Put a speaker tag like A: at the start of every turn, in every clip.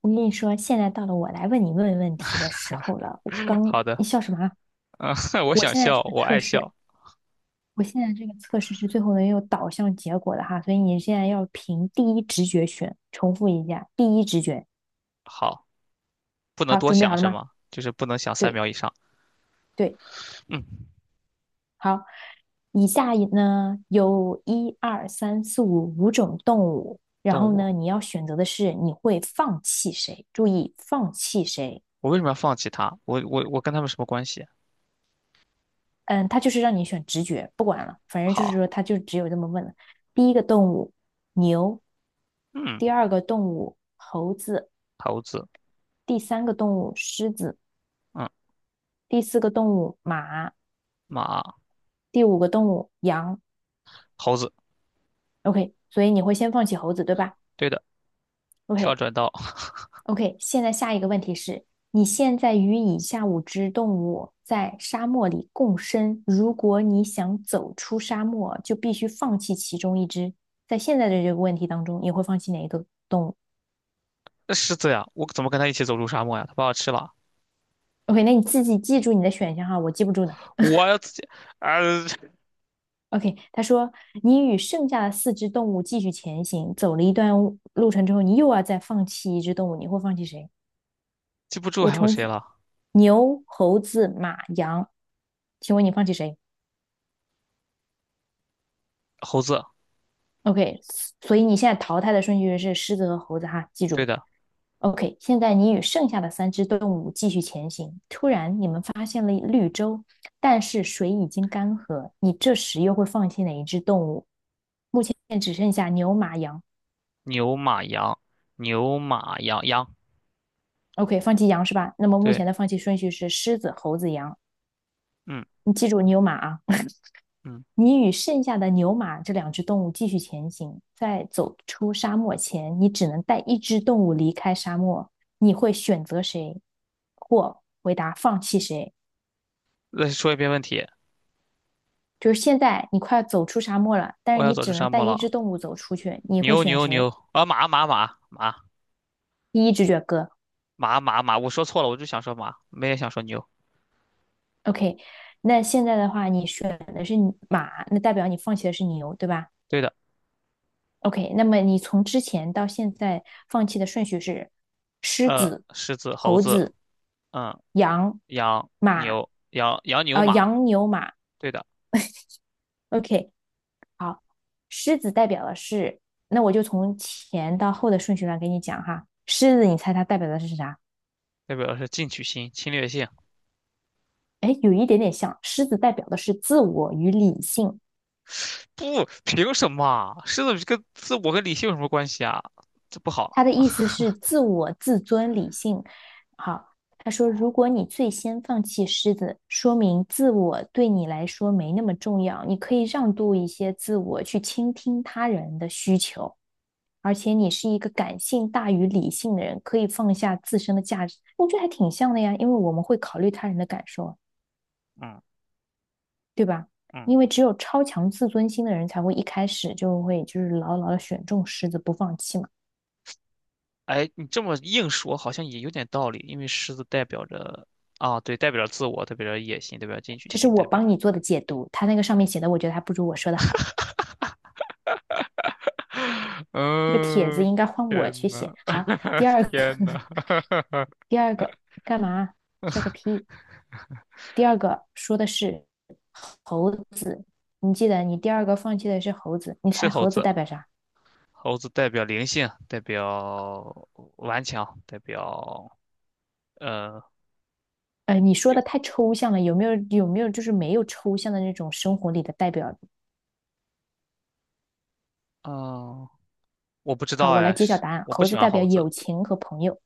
A: 我跟你说，现在到了我来问你问题的时候了。我
B: 好
A: 刚，
B: 的。
A: 你笑什么啊？
B: 我
A: 我
B: 想
A: 现在这
B: 笑，
A: 个
B: 我
A: 测
B: 爱
A: 试，
B: 笑。
A: 我现在这个测试是最后能有导向结果的哈，所以你现在要凭第一直觉选。重复一下，第一直觉。
B: 好，不能
A: 好，
B: 多
A: 准备
B: 想
A: 好了
B: 是
A: 吗？
B: 吗？就是不能想三
A: 对
B: 秒以上。
A: 对，
B: 嗯，
A: 好。以下呢有一二三四五五种动物，然
B: 动
A: 后
B: 物，
A: 呢你要选择的是你会放弃谁？注意，放弃谁？
B: 我为什么要放弃它？我跟他们什么关系？
A: 嗯，他就是让你选直觉，不管了，反正就是
B: 好，
A: 说他就只有这么问了。第一个动物牛，
B: 嗯，
A: 第二个动物猴子，
B: 猴子，
A: 第三个动物狮子，
B: 嗯，
A: 第四个动物马，
B: 马，
A: 第五个动物羊。
B: 猴子，
A: OK，所以你会先放弃猴子，对吧
B: 对的。跳
A: ？OK，
B: 转到
A: OK，现在下一个问题是，你现在与以下五只动物在沙漠里共生，如果你想走出沙漠，就必须放弃其中一只。在现在的这个问题当中，你会放弃哪一个动物
B: 狮子呀，我怎么跟他一起走入沙漠呀？他把我吃了，
A: ？OK，那你自己记住你的选项哈，我记不住的。
B: 我要自己，啊、
A: OK，他说你与剩下的四只动物继续前行，走了一段路程之后，你又要再放弃一只动物，你会放弃谁？
B: 记不住
A: 我
B: 还有
A: 重
B: 谁
A: 复，
B: 了？
A: 牛、猴子、马、羊，请问你放弃谁？
B: 猴子，
A: OK，所以你现在淘汰的顺序是狮子和猴子哈，记
B: 对
A: 住。
B: 的。
A: OK，现在你与剩下的三只动物继续前行。突然，你们发现了绿洲，但是水已经干涸。你这时又会放弃哪一只动物？目前只剩下牛、马、羊。
B: 牛马羊，牛马羊羊，
A: OK，放弃羊是吧？那么目前
B: 对，
A: 的放弃顺序是狮子、猴子、羊。
B: 嗯
A: 你记住牛马啊。
B: 嗯。
A: 你与剩下的牛马这两只动物继续前行，在走出沙漠前，你只能带一只动物离开沙漠。你会选择谁，或回答放弃谁？
B: 再说一遍问题。
A: 就是现在你快要走出沙漠了，但
B: 我
A: 是
B: 要
A: 你
B: 走出
A: 只能
B: 沙
A: 带
B: 漠
A: 一
B: 了。
A: 只动物走出去，你会
B: 牛
A: 选
B: 牛牛
A: 谁？
B: 啊马马马马
A: 第一直觉哥
B: 马马马，我说错了，我就想说马，没也想说牛。
A: ，OK。那现在的话，你选的是马，那代表你放弃的是牛，对吧？
B: 对的。
A: OK，那么你从之前到现在放弃的顺序是狮子、
B: 狮子、猴
A: 猴
B: 子，
A: 子、
B: 嗯，
A: 羊、
B: 羊、
A: 马，
B: 牛、羊、羊、牛、
A: 呃，
B: 马，
A: 羊、牛、马。
B: 对的。
A: OK，好，狮子代表的是，那我就从前到后的顺序来给你讲哈。狮子，你猜它代表的是啥？
B: 代表的是进取心、侵略性。
A: 哎，有一点点像，狮子代表的是自我与理性，
B: 不，凭什么啊狮子跟自我跟理性有什么关系啊？这不好。
A: 他的意思是自我、自尊、理性。好，他说，如果你最先放弃狮子，说明自我对你来说没那么重要，你可以让渡一些自我，去倾听他人的需求。而且你是一个感性大于理性的人，可以放下自身的价值。我觉得还挺像的呀，因为我们会考虑他人的感受，
B: 嗯
A: 对吧？
B: 嗯，
A: 因为只有超强自尊心的人才会一开始就会就是牢牢的选中狮子不放弃嘛。
B: 哎，你这么硬说好像也有点道理，因为狮子代表着啊，对，代表着自我，代表着野心，代表着进取
A: 这是
B: 心，
A: 我
B: 代表
A: 帮
B: 着。
A: 你做的解读，他那个上面写的，我觉得还不如我说的好。这个帖子
B: 嗯，
A: 应该换我去
B: 天
A: 写。
B: 呐，
A: 好，第 二个，
B: 天呐，
A: 第二个干嘛？笑个屁！第二个说的是猴子，你记得你第二个放弃的是猴子，你
B: 是
A: 猜
B: 猴
A: 猴子
B: 子，
A: 代表啥？
B: 猴子代表灵性，代表顽强，代表呃
A: 你说的
B: 有
A: 太抽象了，有没有就是没有抽象的那种生活里的代表？
B: 嗯、呃我不知道
A: 好，我来
B: 哎，
A: 揭晓
B: 是
A: 答案，
B: 我不
A: 猴
B: 喜
A: 子
B: 欢
A: 代表
B: 猴子。
A: 友情和朋友。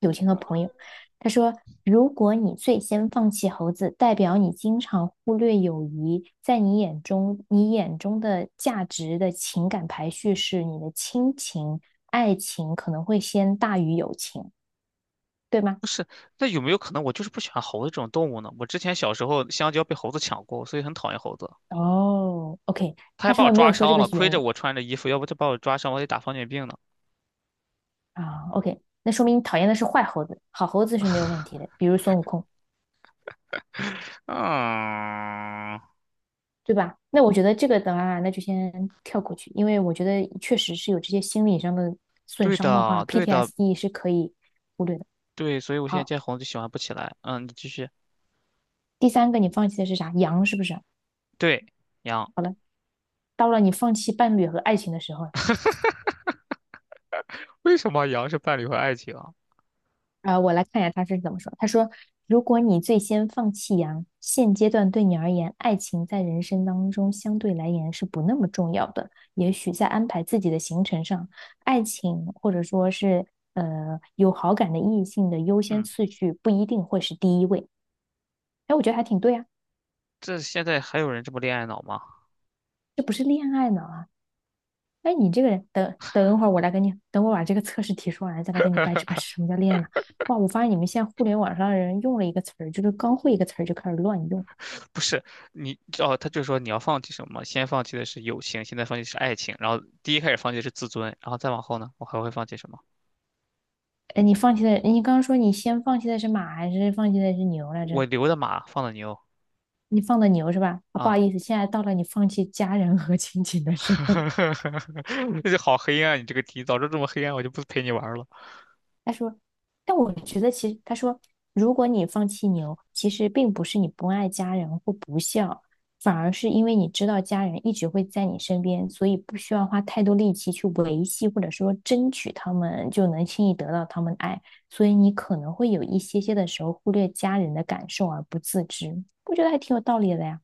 A: 友情和朋友。他说，如果你最先放弃猴子，代表你经常忽略友谊，在你眼中，你眼中的价值的情感排序是你的亲情、爱情可能会先大于友情，对吗？
B: 不是，那有没有可能我就是不喜欢猴子这种动物呢？我之前小时候香蕉被猴子抢过，所以很讨厌猴子，
A: 哦，OK，
B: 它还
A: 他
B: 把
A: 上
B: 我
A: 面没
B: 抓
A: 有说这
B: 伤
A: 个
B: 了，亏
A: 原
B: 着
A: 因
B: 我穿着衣服，要不就把我抓伤，我得打狂犬病呢。
A: 啊，OK，那说明你讨厌的是坏猴子，好猴子是没有问题的，比如孙悟空。
B: 嗯，
A: 对吧？那我觉得这个的话，那就先跳过去，因为我觉得确实是有这些心理上的损
B: 对
A: 伤的话
B: 的，对的。
A: ，PTSD 是可以忽略的。
B: 对，所以我现在
A: 好，
B: 见红就喜欢不起来。嗯，你继续。
A: 第三个你放弃的是啥？羊是不是？
B: 对，羊，
A: 到了你放弃伴侣和爱情的时候，
B: 为什么羊是伴侣和爱情啊？
A: 啊，我来看一下他是怎么说。他说："如果你最先放弃羊，现阶段对你而言，爱情在人生当中相对来言是不那么重要的。也许在安排自己的行程上，爱情或者说是有好感的异性的优先
B: 嗯，
A: 次序不一定会是第一位。"哎，我觉得还挺对啊，
B: 这现在还有人这么恋爱脑吗？
A: 这不是恋爱脑啊！哎，你这个人，等等会儿我来跟你，等我把这个测试题说完，再来跟你掰扯掰扯什么叫恋爱脑。哇，我发现你们现在互联网上的人用了一个词儿，就是刚会一个词儿就开始乱用。
B: 不是，你哦，他就说你要放弃什么？先放弃的是友情，现在放弃是爱情，然后第一开始放弃的是自尊，然后再往后呢，我还会放弃什么？
A: 哎，你放弃的，你刚刚说你先放弃的是马还是放弃的是牛来
B: 我
A: 着？
B: 留的马，放的牛
A: 你放的牛是吧？啊，不
B: 啊。
A: 好意思，现在到了你放弃家人和亲情的时候。
B: 这就好黑暗，你这个题，早知道这么黑暗，我就不陪你玩了。
A: 他说，但我觉得其实他说，如果你放弃牛，其实并不是你不爱家人或不孝，反而是因为你知道家人一直会在你身边，所以不需要花太多力气去维系或者说争取他们，就能轻易得到他们的爱，所以你可能会有一些些的时候忽略家人的感受而不自知，我觉得还挺有道理的呀。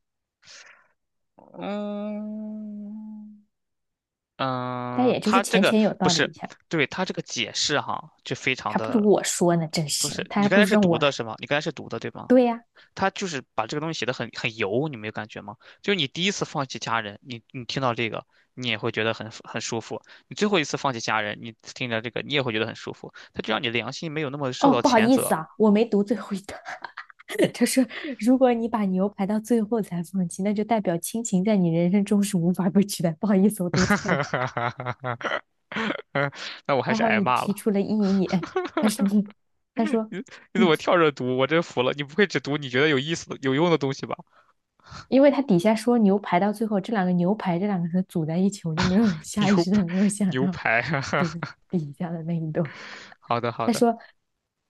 A: 但
B: 嗯，
A: 也就是
B: 他这
A: 浅
B: 个
A: 浅有
B: 不
A: 道理
B: 是，
A: 一下，
B: 对，他这个解释哈，就非常
A: 还不如
B: 的
A: 我说呢，真
B: 不
A: 是，
B: 是。
A: 他
B: 你
A: 还
B: 刚
A: 不
B: 才
A: 如
B: 是
A: 让
B: 读
A: 我
B: 的
A: 来。
B: 是吗？你刚才是读的对吗？
A: 对呀，
B: 他就是把这个东西写的很很油，你没有感觉吗？就是你第一次放弃家人，你听到这个，你也会觉得很舒服；你最后一次放弃家人，你听着这个，你也会觉得很舒服。他就让你良心没有那么受
A: 哦，
B: 到
A: 不好
B: 谴
A: 意思
B: 责。
A: 啊，我没读最后一段。他说，如果你把牛排到最后才放弃，那就代表亲情在你人生中是无法被取代。不好意思，我读错了，
B: 那我还
A: 还
B: 是
A: 好
B: 挨
A: 你
B: 骂
A: 提
B: 了。
A: 出了异议。他说，他说,
B: 你怎
A: 嗯
B: 么跳着读？我真服了，你不会只读你觉得有意思的、有用的东西吧？
A: 因为他底下说牛排到最后，这两个牛排这两个字组在一起，我就没有 下意
B: 牛
A: 识
B: 排，
A: 的没有想
B: 牛
A: 要
B: 排，
A: 读 底下的那一段。
B: 好的，好
A: 他
B: 的。
A: 说，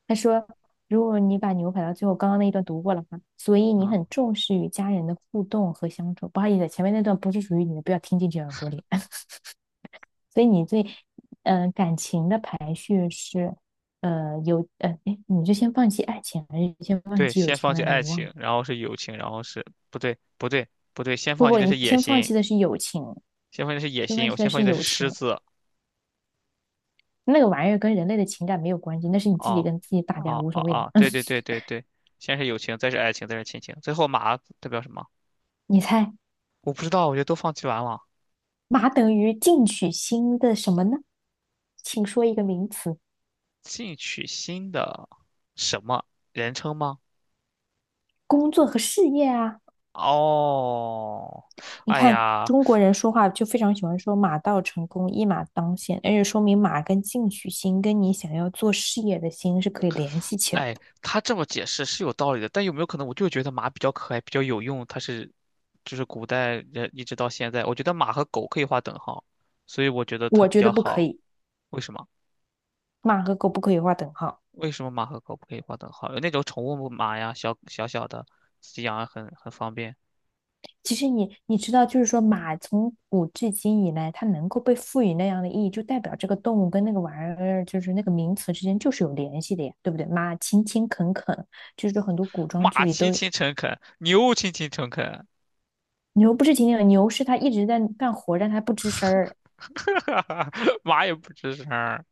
A: 他说,如果你把牛排到最后，刚刚那一段读过了吗？所以你
B: 啊，
A: 很重视与家人的互动和相处。不好意思，前面那段不是属于你的，不要听进去耳朵里。所以你最，感情的排序是，哎，你就先放弃爱情，还是先放
B: 对，
A: 弃友
B: 先
A: 情
B: 放弃
A: 来着？
B: 爱
A: 我忘了。
B: 情，然后是友情，然后是不对，不对，不对，先
A: 不
B: 放弃
A: 不，
B: 的
A: 你
B: 是野
A: 先放
B: 心，
A: 弃的是友情，
B: 先放弃的是野
A: 先放
B: 心，
A: 弃
B: 我
A: 的
B: 先放
A: 是
B: 弃的是
A: 友
B: 狮
A: 情，
B: 子。
A: 那个玩意儿跟人类的情感没有关系，那是你自己
B: 哦，
A: 跟自己打架，
B: 哦，
A: 无
B: 哦，
A: 所谓的。
B: 哦，对对 对对对，先是友情，再是爱情，再是亲情，最后马代表什么？
A: 你猜，
B: 我不知道，我觉得都放弃完了，
A: 马等于进取心的什么呢？请说一个名词，
B: 进取心的什么人称吗？
A: 工作和事业啊。
B: 哦，
A: 你
B: 哎
A: 看
B: 呀，
A: 中国人说话就非常喜欢说"马到成功，一马当先"，而且说明马跟进取心跟你想要做事业的心是可以联系起来
B: 哎，
A: 的。
B: 他这么解释是有道理的，但有没有可能我就觉得马比较可爱，比较有用？它是，就是古代人一直到现在，我觉得马和狗可以划等号，所以我觉得它
A: 我
B: 比
A: 觉得
B: 较
A: 不可
B: 好。
A: 以，
B: 为什么？
A: 马和狗不可以画等号。
B: 为什么马和狗不可以划等号？有那种宠物马呀，小小小的，自己养很方便。
A: 其实你知道，就是说马从古至今以来，它能够被赋予那样的意义，就代表这个动物跟那个玩意儿，就是那个名词之间就是有联系的呀，对不对？马勤勤恳恳，就是很多古装剧
B: 马
A: 里
B: 勤
A: 都有。
B: 勤诚恳，牛勤勤诚恳，
A: 牛不是勤勤恳，牛是它一直在干活，但它不吱声儿。
B: 马也不吱声儿，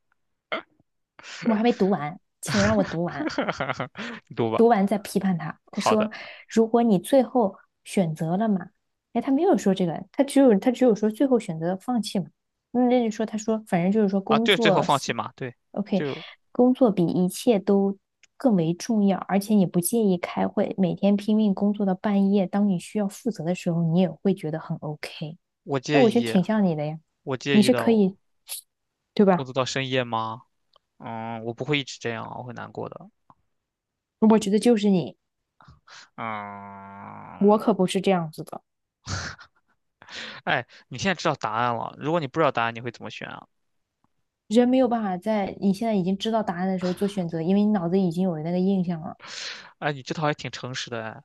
A: 我还没读完，请让我读完。
B: 你读吧。
A: 读完再批判他。他
B: 好的
A: 说，如果你最后选择了嘛，哎，他没有说这个，他只有说最后选择放弃嘛。嗯那就说他说，反正就是说
B: 啊，
A: 工
B: 对，最后
A: 作
B: 放弃马，对，
A: ，OK，
B: 就
A: 工作比一切都更为重要，而且你不介意开会，每天拼命工作到半夜，当你需要负责的时候，你也会觉得很 OK。
B: 我
A: 那
B: 介
A: 我觉得
B: 意，
A: 挺像你的呀，
B: 我
A: 你
B: 介意
A: 是
B: 的。
A: 可以，对
B: 工
A: 吧？
B: 作到深夜吗？嗯，我不会一直这样啊，我会难过的。
A: 我觉得就是你，我
B: 嗯，
A: 可不是这样子的。
B: 哎，你现在知道答案了。如果你不知道答案，你会怎么选啊？
A: 人没有办法在你现在已经知道答案的时候做选择，因为你脑子已经有那个印象了。
B: 哎，你这套还挺诚实的哎。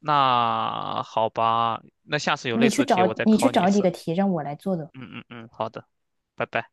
B: 那好吧，那下次有类
A: 你
B: 似
A: 去
B: 的题，
A: 找
B: 我再
A: 你去
B: 考你一
A: 找几
B: 次。
A: 个题让我来做的。
B: 嗯嗯嗯，好的，拜拜。